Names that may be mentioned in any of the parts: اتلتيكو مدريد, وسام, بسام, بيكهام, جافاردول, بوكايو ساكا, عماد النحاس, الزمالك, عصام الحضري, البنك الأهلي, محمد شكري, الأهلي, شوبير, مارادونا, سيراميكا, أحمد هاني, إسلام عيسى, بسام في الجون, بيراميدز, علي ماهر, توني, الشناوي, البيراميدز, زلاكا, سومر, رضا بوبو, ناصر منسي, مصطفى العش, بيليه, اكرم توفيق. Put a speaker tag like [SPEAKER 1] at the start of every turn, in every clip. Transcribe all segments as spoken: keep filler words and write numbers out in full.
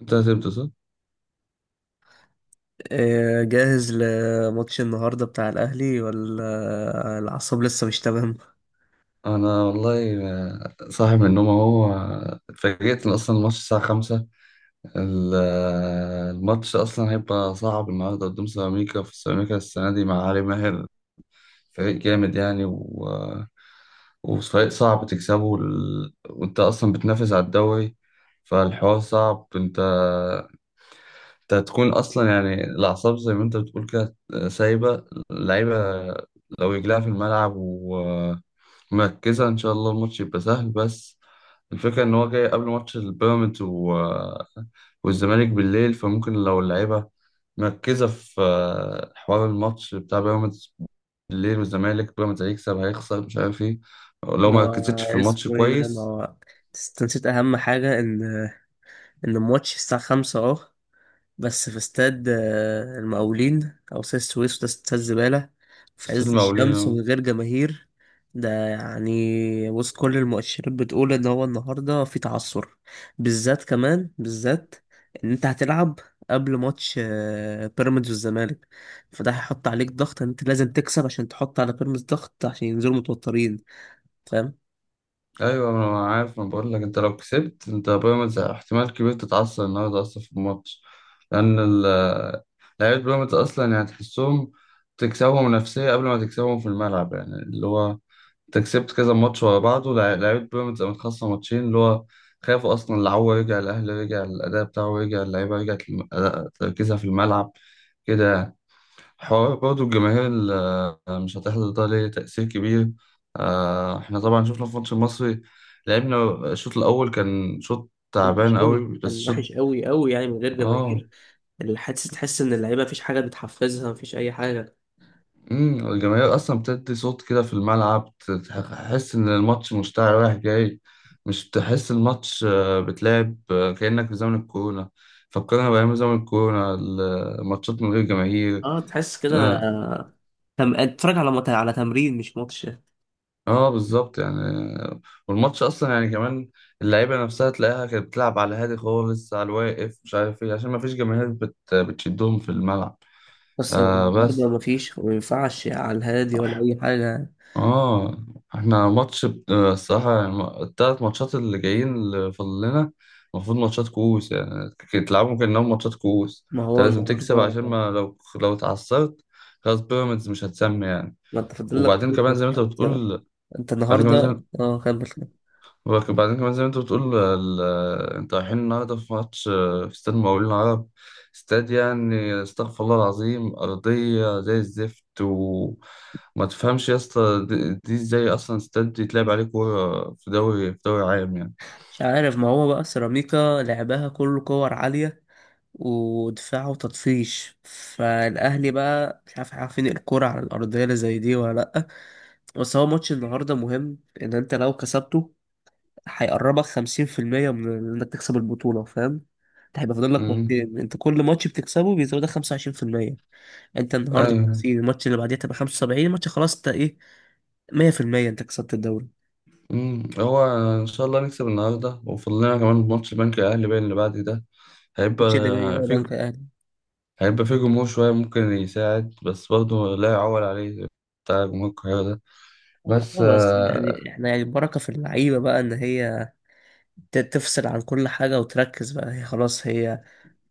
[SPEAKER 1] انت هتبدأ صح؟
[SPEAKER 2] إيه، جاهز لماتش النهاردة بتاع الأهلي ولا الأعصاب لسه مش تمام؟
[SPEAKER 1] انا والله، آه، صاحي من النوم اهو، آه، اتفاجئت ان اصلا الماتش الساعة خمسة. ال- آه، الماتش اصلا هيبقى صعب النهاردة قدام سيراميكا، في سيراميكا السنة دي مع علي ماهر. فريق جامد يعني و... آه، وفريق صعب تكسبه ال... وانت اصلا بتنافس على الدوري، فالحوار صعب. انت انت هتكون اصلا يعني الاعصاب زي ما انت بتقول كده، سايبه اللعيبه لو رجلها في الملعب مركزة، إن شاء الله الماتش يبقى سهل. بس الفكرة إن هو جاي قبل ماتش البيراميدز و... والزمالك بالليل، فممكن لو اللعيبة مركزة في حوار الماتش بتاع بيراميدز بالليل، والزمالك بيراميدز هيكسب هيخسر مش عارف إيه، لو ما
[SPEAKER 2] ما
[SPEAKER 1] ركزتش في الماتش
[SPEAKER 2] اسمه ايه ده؟ ما
[SPEAKER 1] كويس.
[SPEAKER 2] هو- بس انت نسيت أهم حاجة إن إن الماتش الساعة خمسة أهو. بس في استاد آه، المقاولين أو استاد السويس، وده استاد زبالة في
[SPEAKER 1] ستيل
[SPEAKER 2] عز الشمس ومن
[SPEAKER 1] مقاولين.
[SPEAKER 2] غير جماهير. ده يعني بص، كل المؤشرات بتقول إن هو النهاردة في تعثر، بالذات كمان بالذات إن أنت هتلعب قبل ماتش آه، بيراميدز والزمالك. فده هيحط عليك ضغط إن أنت لازم تكسب عشان تحط على بيراميدز ضغط عشان ينزلوا متوترين، فاهم؟
[SPEAKER 1] ايوه انا عارف، انا بقول لك انت لو كسبت انت بيراميدز احتمال كبير تتعثر النهارده اصلا في الماتش، لان ال- لعيبه بيراميدز اصلا يعني تحسهم تكسبهم نفسيه قبل ما تكسبهم في الملعب. يعني اللي هو انت كسبت كذا ماتش ورا بعض، ولع- لعيبه بيراميدز قامت، خاصه ماتشين اللي هو خافوا اصلا. العو رجع الاهلي، رجع الاداء بتاعه، رجع اللعيبه، رجعت الم- أداء- تركيزها في الملعب كده يعني. حوار برضه الجماهير ال- مش هتحضر ده ليه تأثير كبير. آه، احنا طبعا شفنا في الماتش المصري، لعبنا الشوط الأول كان شوط
[SPEAKER 2] وحش
[SPEAKER 1] تعبان
[SPEAKER 2] قوي،
[SPEAKER 1] قوي، بس
[SPEAKER 2] كان
[SPEAKER 1] شوط.
[SPEAKER 2] وحش قوي قوي يعني من غير
[SPEAKER 1] اه
[SPEAKER 2] جماهير. الحادث تحس ان اللعيبه مفيش حاجه بتحفزها، مفيش اي حاجه.
[SPEAKER 1] امم الجماهير أصلا بتدي صوت كده في الملعب، ت- تحس إن الماتش مشتعل رايح جاي، مش تحس الماتش آه، بتلعب آه، كأنك في زمن الكورونا، فكرنا بأيام زمن الكورونا الماتشات من غير جماهير.
[SPEAKER 2] اه تحس كده.
[SPEAKER 1] آه،
[SPEAKER 2] تم... اتفرج على مت... على تمرين مش ماتش.
[SPEAKER 1] اه بالظبط يعني. والماتش اصلا يعني كمان اللعيبه نفسها تلاقيها كانت بتلعب على هادي خالص، على الواقف مش عارف ايه، عشان ما فيش جماهير بت... بتشدهم في الملعب.
[SPEAKER 2] بس هو
[SPEAKER 1] آه
[SPEAKER 2] النهارده
[SPEAKER 1] بس
[SPEAKER 2] مفيش وما ينفعش على الهادي ولا اي حاجه.
[SPEAKER 1] اه احنا ماتش بت- الصراحه يعني الثلاث ماتشات اللي جايين اللي فاضل لنا المفروض ماتشات كؤوس، يعني ك- تلعبهم كانهم ماتشات كؤوس،
[SPEAKER 2] ما
[SPEAKER 1] انت
[SPEAKER 2] هو
[SPEAKER 1] لازم تكسب عشان
[SPEAKER 2] النهارده،
[SPEAKER 1] ما لو لو اتعثرت خلاص بيراميدز مش هتسمي يعني.
[SPEAKER 2] ما انت فاضل لك
[SPEAKER 1] وبعدين
[SPEAKER 2] ثلاث
[SPEAKER 1] كمان زي ما انت
[SPEAKER 2] ماتشات.
[SPEAKER 1] بتقول،
[SPEAKER 2] انت
[SPEAKER 1] بعدين
[SPEAKER 2] النهارده
[SPEAKER 1] كمان،
[SPEAKER 2] اه، كمل كمل.
[SPEAKER 1] وبعدين كمان زي ما انت بتقول، ال- انت رايحين النهارده في ماتش آه، في استاد مقاولين العرب. استاد يعني استغفر الله العظيم، أرضية زي الزفت، وما تفهمش يا اسطى دي دي ازاي أصلا استاد يتلعب عليه كورة في دوري، في دوري عام يعني.
[SPEAKER 2] مش عارف، ما هو بقى سيراميكا لعبها كله كور عاليه ودفاع وتطفيش، فالاهلي بقى مش عارف، عارفين الكرة على الارضيه اللي زي دي ولا لا. بس هو ماتش النهارده مهم، ان انت لو كسبته هيقربك خمسين في المية من انك تكسب البطولة، فاهم. انت هيبقى فاضل لك
[SPEAKER 1] مم.
[SPEAKER 2] ماتشين، انت كل ماتش بتكسبه بيزودك خمسة وعشرين في المية. انت النهارده
[SPEAKER 1] أيوه.
[SPEAKER 2] خمسين، الماتش اللي بعديه تبقى خمسة وسبعين، الماتش خلاص انت ايه، مية في المية انت كسبت الدوري.
[SPEAKER 1] مم. هو إن شاء الله نكسب النهارده، وفاضل لنا كمان ماتش البنك الأهلي باين اللي بعد ده، هيبقى
[SPEAKER 2] الماتش اللي جاي هو
[SPEAKER 1] في،
[SPEAKER 2] بنك الاهلي.
[SPEAKER 1] هيبقى في جمهور شوية ممكن يساعد، بس برضه لا يعول عليه، بتاع جمهور القاهرة ده. بس
[SPEAKER 2] اه بس
[SPEAKER 1] آه،
[SPEAKER 2] يعني احنا يعني البركة في اللعيبة بقى، ان هي ت- تفصل عن كل حاجة وتركز بقى. هي خلاص، هي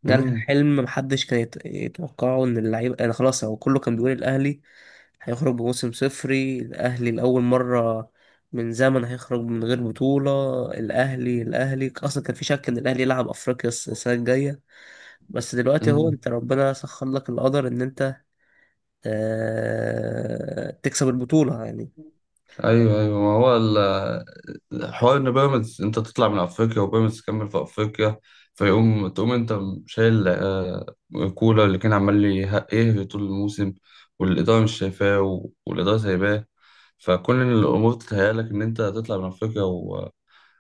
[SPEAKER 2] جالها
[SPEAKER 1] امم
[SPEAKER 2] حلم محدش كان يت- يتوقعه ان اللعيبة يعني خلاص. هو كله كان بيقول الاهلي هيخرج بموسم صفري، الأهلي لأول مرة من زمن هيخرج من غير بطولة. الأهلي الأهلي أصلا كان في شك إن الأهلي يلعب أفريقيا الس- السنة الجاية. بس دلوقتي هو
[SPEAKER 1] امم
[SPEAKER 2] أنت، ربنا سخر لك القدر إن أنت آه، تكسب البطولة يعني.
[SPEAKER 1] ايوه ايوه، ما هو ال- آه، حوار ان بيراميدز انت تطلع من افريقيا وبيراميدز تكمل في افريقيا، فيقوم تقوم انت شايل آه، كولر اللي كان عمال لي- يهري طول الموسم، والاداره مش شايفاه و- والاداره سايباه. فكل الامور تتهيألك ان انت تطلع من افريقيا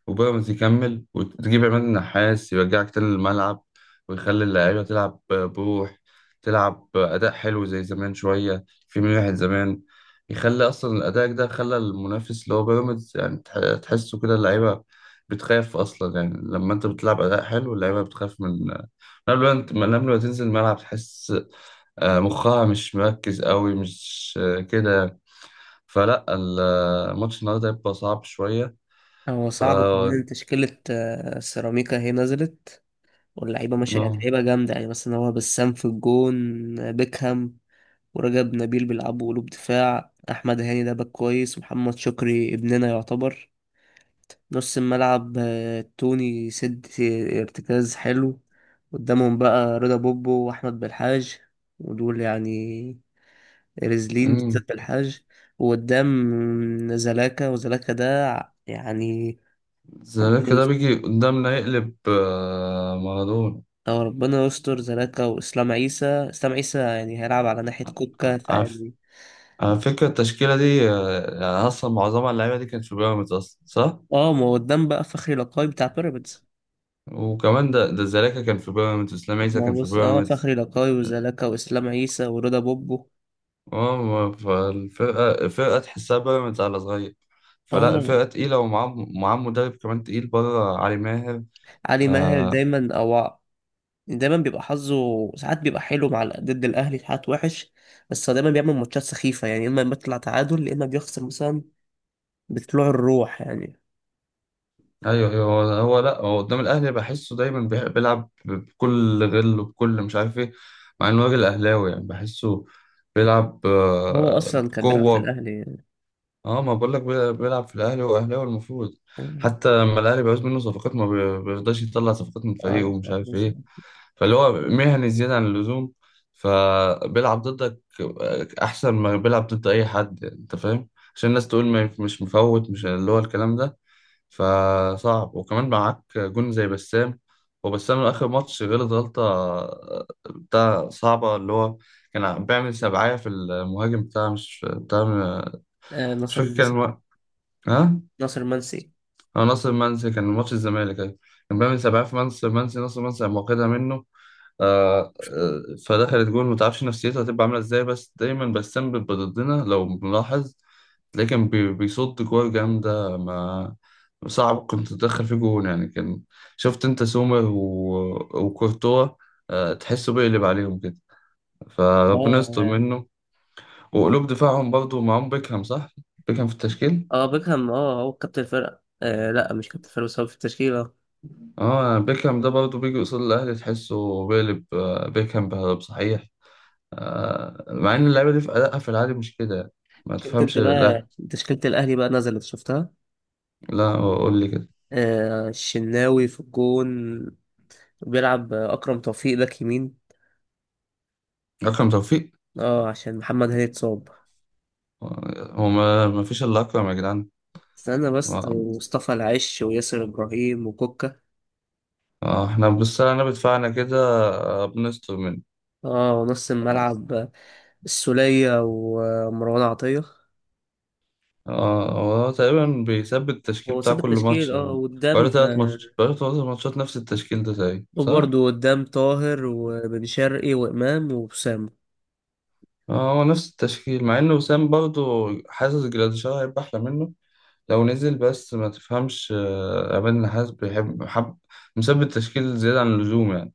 [SPEAKER 1] وبيراميدز يكمل، وتجيب عماد النحاس يرجعك تاني للملعب، ويخلي اللعيبة تلعب بروح، تلعب أداء حلو زي زمان، شوية في من واحد زمان، يخلي أصلا الأداء ده خلى المنافس اللي هو بيراميدز يعني تح- تحسه كده. اللعيبة بتخاف أصلا يعني، لما أنت بتلعب أداء حلو اللعيبة بتخاف من، من قبل ما أنت، من قبل ما تنزل الملعب تحس آه، مخها مش مركز قوي، مش آه، كده، فلا، الماتش النهاردة هيبقى صعب شوية.
[SPEAKER 2] هو
[SPEAKER 1] ف
[SPEAKER 2] صعب كمان تشكيلة آه، سيراميكا هي نزلت، واللعيبة ماشية يعني
[SPEAKER 1] آه.
[SPEAKER 2] لعيبة جامدة. يعني مثلا هو بسام في الجون، آه، بيكهام ورجب نبيل بيلعبوا قلوب دفاع، أحمد هاني ده باك كويس، محمد شكري ابننا يعتبر نص الملعب، آه، توني سد ارتكاز حلو. قدامهم بقى رضا بوبو واحمد بالحاج، ودول يعني رزلين
[SPEAKER 1] امم
[SPEAKER 2] بالذات بالحاج. وقدام زلاكا، وزلاكا ده ع- يعني ربنا
[SPEAKER 1] زيك ده
[SPEAKER 2] يس-
[SPEAKER 1] بيجي قدامنا يقلب آه، مارادونا.
[SPEAKER 2] أو ربنا يستر. زلاكا وإسلام عيسى، إسلام عيسى يعني هيلعب على ناحية كوكا،
[SPEAKER 1] على ف-
[SPEAKER 2] فيعني.
[SPEAKER 1] على فكرة التشكيلة دي آه، يعني أصلا معظمها اللعيبة دي كانت في بيراميدز أصلا صح؟
[SPEAKER 2] اه، ما هو قدام بقى فخري لقاي بتاع بيراميدز.
[SPEAKER 1] وكمان ده ده زلاكا كان في بيراميدز، وإسلام عيسى
[SPEAKER 2] ما هو
[SPEAKER 1] كان في
[SPEAKER 2] بص، اه
[SPEAKER 1] بيراميدز.
[SPEAKER 2] فخري لقاي وزلاكا وإسلام عيسى ورضا بوبو.
[SPEAKER 1] اه ما- فالفرقة، الفرقة تحسها بيراميدز على صغير، فلا
[SPEAKER 2] اه
[SPEAKER 1] الفرقة تقيلة، ومعاه معاه مدرب كمان تقيل بره، علي ماهر.
[SPEAKER 2] علي ماهر
[SPEAKER 1] آه،
[SPEAKER 2] دايما او دايما بيبقى حظه، ساعات بيبقى حلو مع ضد الاهلي، ساعات وحش. بس هو دايما بيعمل ماتشات سخيفه، يعني اما بيطلع تعادل يا اما بيخسر مثلا، بطلوع الروح يعني.
[SPEAKER 1] ايوه ايوه، هو هو لا، هو قدام الاهلي بحسه دايما بيح- بيلعب بكل غل وبكل مش عارف ايه، مع انه راجل اهلاوي يعني بحسه بيلعب
[SPEAKER 2] هو
[SPEAKER 1] آه،
[SPEAKER 2] اصلا كان بيلعب في
[SPEAKER 1] بقوه.
[SPEAKER 2] الاهلي يعني.
[SPEAKER 1] اه ما بقول لك، بي- بيلعب في الاهلي، هو اهلاوي المفروض، حتى لما الاهلي بيعوز منه صفقات ما بي- بيرضاش يطلع صفقات من فريقه
[SPEAKER 2] اه
[SPEAKER 1] ومش عارف
[SPEAKER 2] خلاص.
[SPEAKER 1] ايه، فاللي هو مهني زياده عن اللزوم، فبيلعب ضدك آه، احسن ما بيلعب ضد اي حد يعني، انت فاهم، عشان الناس تقول ما مش مفوت، مش اللي هو الكلام ده. فصعب، وكمان معاك جون زي بسام. وبسام آخر ماتش غلط غلطة بتاع صعبة اللي هو كان بيعمل سبعية في المهاجم بتاع، مش بتاع،
[SPEAKER 2] آه،
[SPEAKER 1] مش
[SPEAKER 2] ناصر
[SPEAKER 1] فاكر كان
[SPEAKER 2] منسي.
[SPEAKER 1] الو- ها
[SPEAKER 2] ناصر منسي.
[SPEAKER 1] هو ناصر منسي، كان ماتش الزمالك أيوة. كان بيعمل سبعية في منسي، منسي ناصر منسي قام واخدها منه، آه، آه، فدخلت جول. ما تعرفش نفسيته هتبقى عامله ازاي، بس دايما بسام بيبقى ضدنا لو ملاحظ، تلاقيه كان بي- بيصد كور جامده، ما صعب كنت تدخل فيه جون يعني، كان شفت انت سومر و- وكورتوا، آه، تحسه بيقلب عليهم كده،
[SPEAKER 2] اه.
[SPEAKER 1] فربنا يستر
[SPEAKER 2] اه.
[SPEAKER 1] منه. وقلوب دفاعهم برضه معاهم بيكهام صح؟ بيكهام في التشكيل؟
[SPEAKER 2] آه، بيكهام اه، هو كابتن الفرقه. آه لا، مش كابتن الفرقه، بس هو في التشكيله.
[SPEAKER 1] اه بيكهام ده برضه بيجي قصاد الاهلي تحسه بيقلب آه، بيكهام بهرب صحيح، آه، مع ان اللعيبه دي في ادائها في العادي مش كده يعني. ما
[SPEAKER 2] شفت انت
[SPEAKER 1] تفهمش،
[SPEAKER 2] بقى
[SPEAKER 1] لا
[SPEAKER 2] تشكيله الاهلي بقى نزلت، شفتها؟
[SPEAKER 1] لا، هو قول لي كده
[SPEAKER 2] آه الشناوي في الجون. بيلعب آه، اكرم توفيق باك يمين،
[SPEAKER 1] اكرم توفيق.
[SPEAKER 2] اه عشان محمد هاني اتصاب.
[SPEAKER 1] هو ما, ما فيش الا اكرم يا جدعان.
[SPEAKER 2] استنى بس،
[SPEAKER 1] آه،
[SPEAKER 2] مصطفى العش وياسر إبراهيم وكوكا.
[SPEAKER 1] آه، احنا بالسنه بدفعنا كده، آه، بنستر منه.
[SPEAKER 2] اه ونص الملعب السولية ومروان عطية.
[SPEAKER 1] آه، هو تقريبا بيثبت التشكيل
[SPEAKER 2] هو
[SPEAKER 1] بتاع
[SPEAKER 2] ساب
[SPEAKER 1] كل
[SPEAKER 2] التشكيل
[SPEAKER 1] ماتش
[SPEAKER 2] اه،
[SPEAKER 1] يعني، بقاله
[SPEAKER 2] وقدام
[SPEAKER 1] تلات
[SPEAKER 2] آه،
[SPEAKER 1] ماتشات بقاله تلات ماتشات نفس التشكيل ده تقريبا صح؟
[SPEAKER 2] وبرضه قدام طاهر وبن شرقي وإمام وأسامة.
[SPEAKER 1] آه، هو نفس التشكيل، مع إن وسام برضه حاسس جراديشار هيبقى أحلى منه لو نزل، بس ما تفهمش آه، عماد النحاس بيحب حب، مثبت تشكيل زيادة عن اللزوم يعني.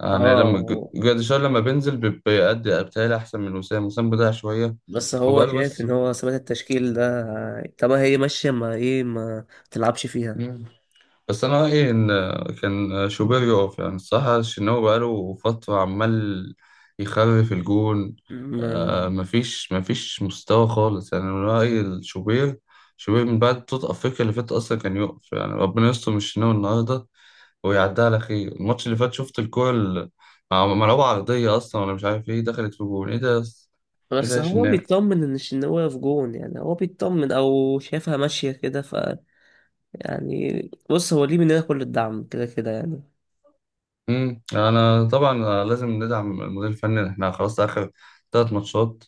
[SPEAKER 1] يعني لما ج-
[SPEAKER 2] اه
[SPEAKER 1] جراديشار لما بينزل بي- بيأدي، بتهيألي أحسن من وسام، وسام بضيع شوية.
[SPEAKER 2] بس هو
[SPEAKER 1] وبقاله
[SPEAKER 2] شايف
[SPEAKER 1] بس.
[SPEAKER 2] إن هو ثبات التشكيل ده آه، طب هي ماشية، ما إيه، ما تلعبش فيها.
[SPEAKER 1] مم. بس أنا رأيي إن آه، كان آه، شوبير يقف يعني، الصراحة الشناوي بقاله فترة عمال يخرف الجون.
[SPEAKER 2] ما
[SPEAKER 1] آه مفيش مفيش مستوى خالص يعني، أنا رأيي الشوبير، شوبير من بعد بطولة أفريقيا اللي فاتت أصلا كان يقف يعني، ربنا يستر من الشناوي النهاردة ويعدها على خير. الماتش اللي فات شفت الكورة ال- مع- ملعوبة عرضية أصلا ولا مش عارف إيه، دخلت في جول، إيه ده يا أس- إيه ده
[SPEAKER 2] بس
[SPEAKER 1] يا
[SPEAKER 2] هو
[SPEAKER 1] شناب.
[SPEAKER 2] بيطمن إن إن هو في جون يعني، هو بيطمن أو شايفها ماشية كده، ف يعني بص، هو ليه مننا كل الدعم كده كده يعني.
[SPEAKER 1] امم، أنا طبعا لازم ندعم المدير الفني، إحنا خلاص آخر تلات ماتشات،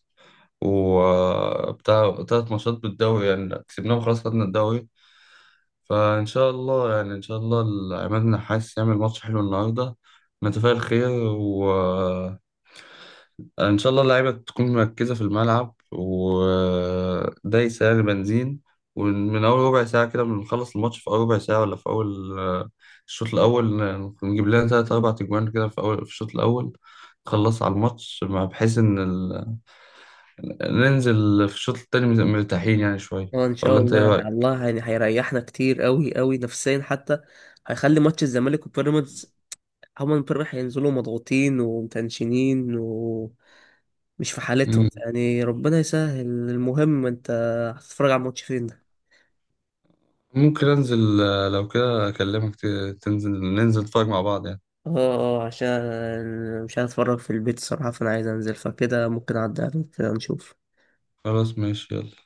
[SPEAKER 1] وبتاع تلات ماتشات بالدوري يعني كسبناهم خلاص خدنا الدوري. فإن شاء الله يعني، إن شاء الله عماد النحاس يعمل ماتش حلو النهاردة، نتفائل خير. و آه، ان شاء الله اللعيبه تكون مركزه في الملعب ودايسه يعني بنزين، ومن اول ربع ساعه كده بنخلص الماتش، في اول ربع ساعه ولا في اول آه، الشوط الاول آه، نجيب لنا ثلاث اربع تجوان كده في اول، في الشوط الاول نخلص على الماتش، مع- بحيث ان ال... ننزل في الشوط التاني مرتاحين يعني شويه.
[SPEAKER 2] هو ان شاء
[SPEAKER 1] ولا انت
[SPEAKER 2] الله
[SPEAKER 1] ايه
[SPEAKER 2] على
[SPEAKER 1] رايك؟
[SPEAKER 2] الله يعني هيريحنا كتير قوي قوي نفسيا حتى. هيخلي ماتش الزمالك وبيراميدز، هما امبارح هينزلوا مضغوطين ومتنشنين ومش في حالتهم
[SPEAKER 1] مم.
[SPEAKER 2] يعني، ربنا يسهل. المهم انت هتتفرج على الماتش فين ده؟
[SPEAKER 1] ممكن انزل آه، لو كده اكلمك ت- تنزل ننزل نتفرج مع بعض يعني.
[SPEAKER 2] اه اه، عشان مش هتفرج في البيت الصراحة، فانا عايز انزل، فكده ممكن اعدي عليك كده نشوف.
[SPEAKER 1] خلاص ماشي، يلا.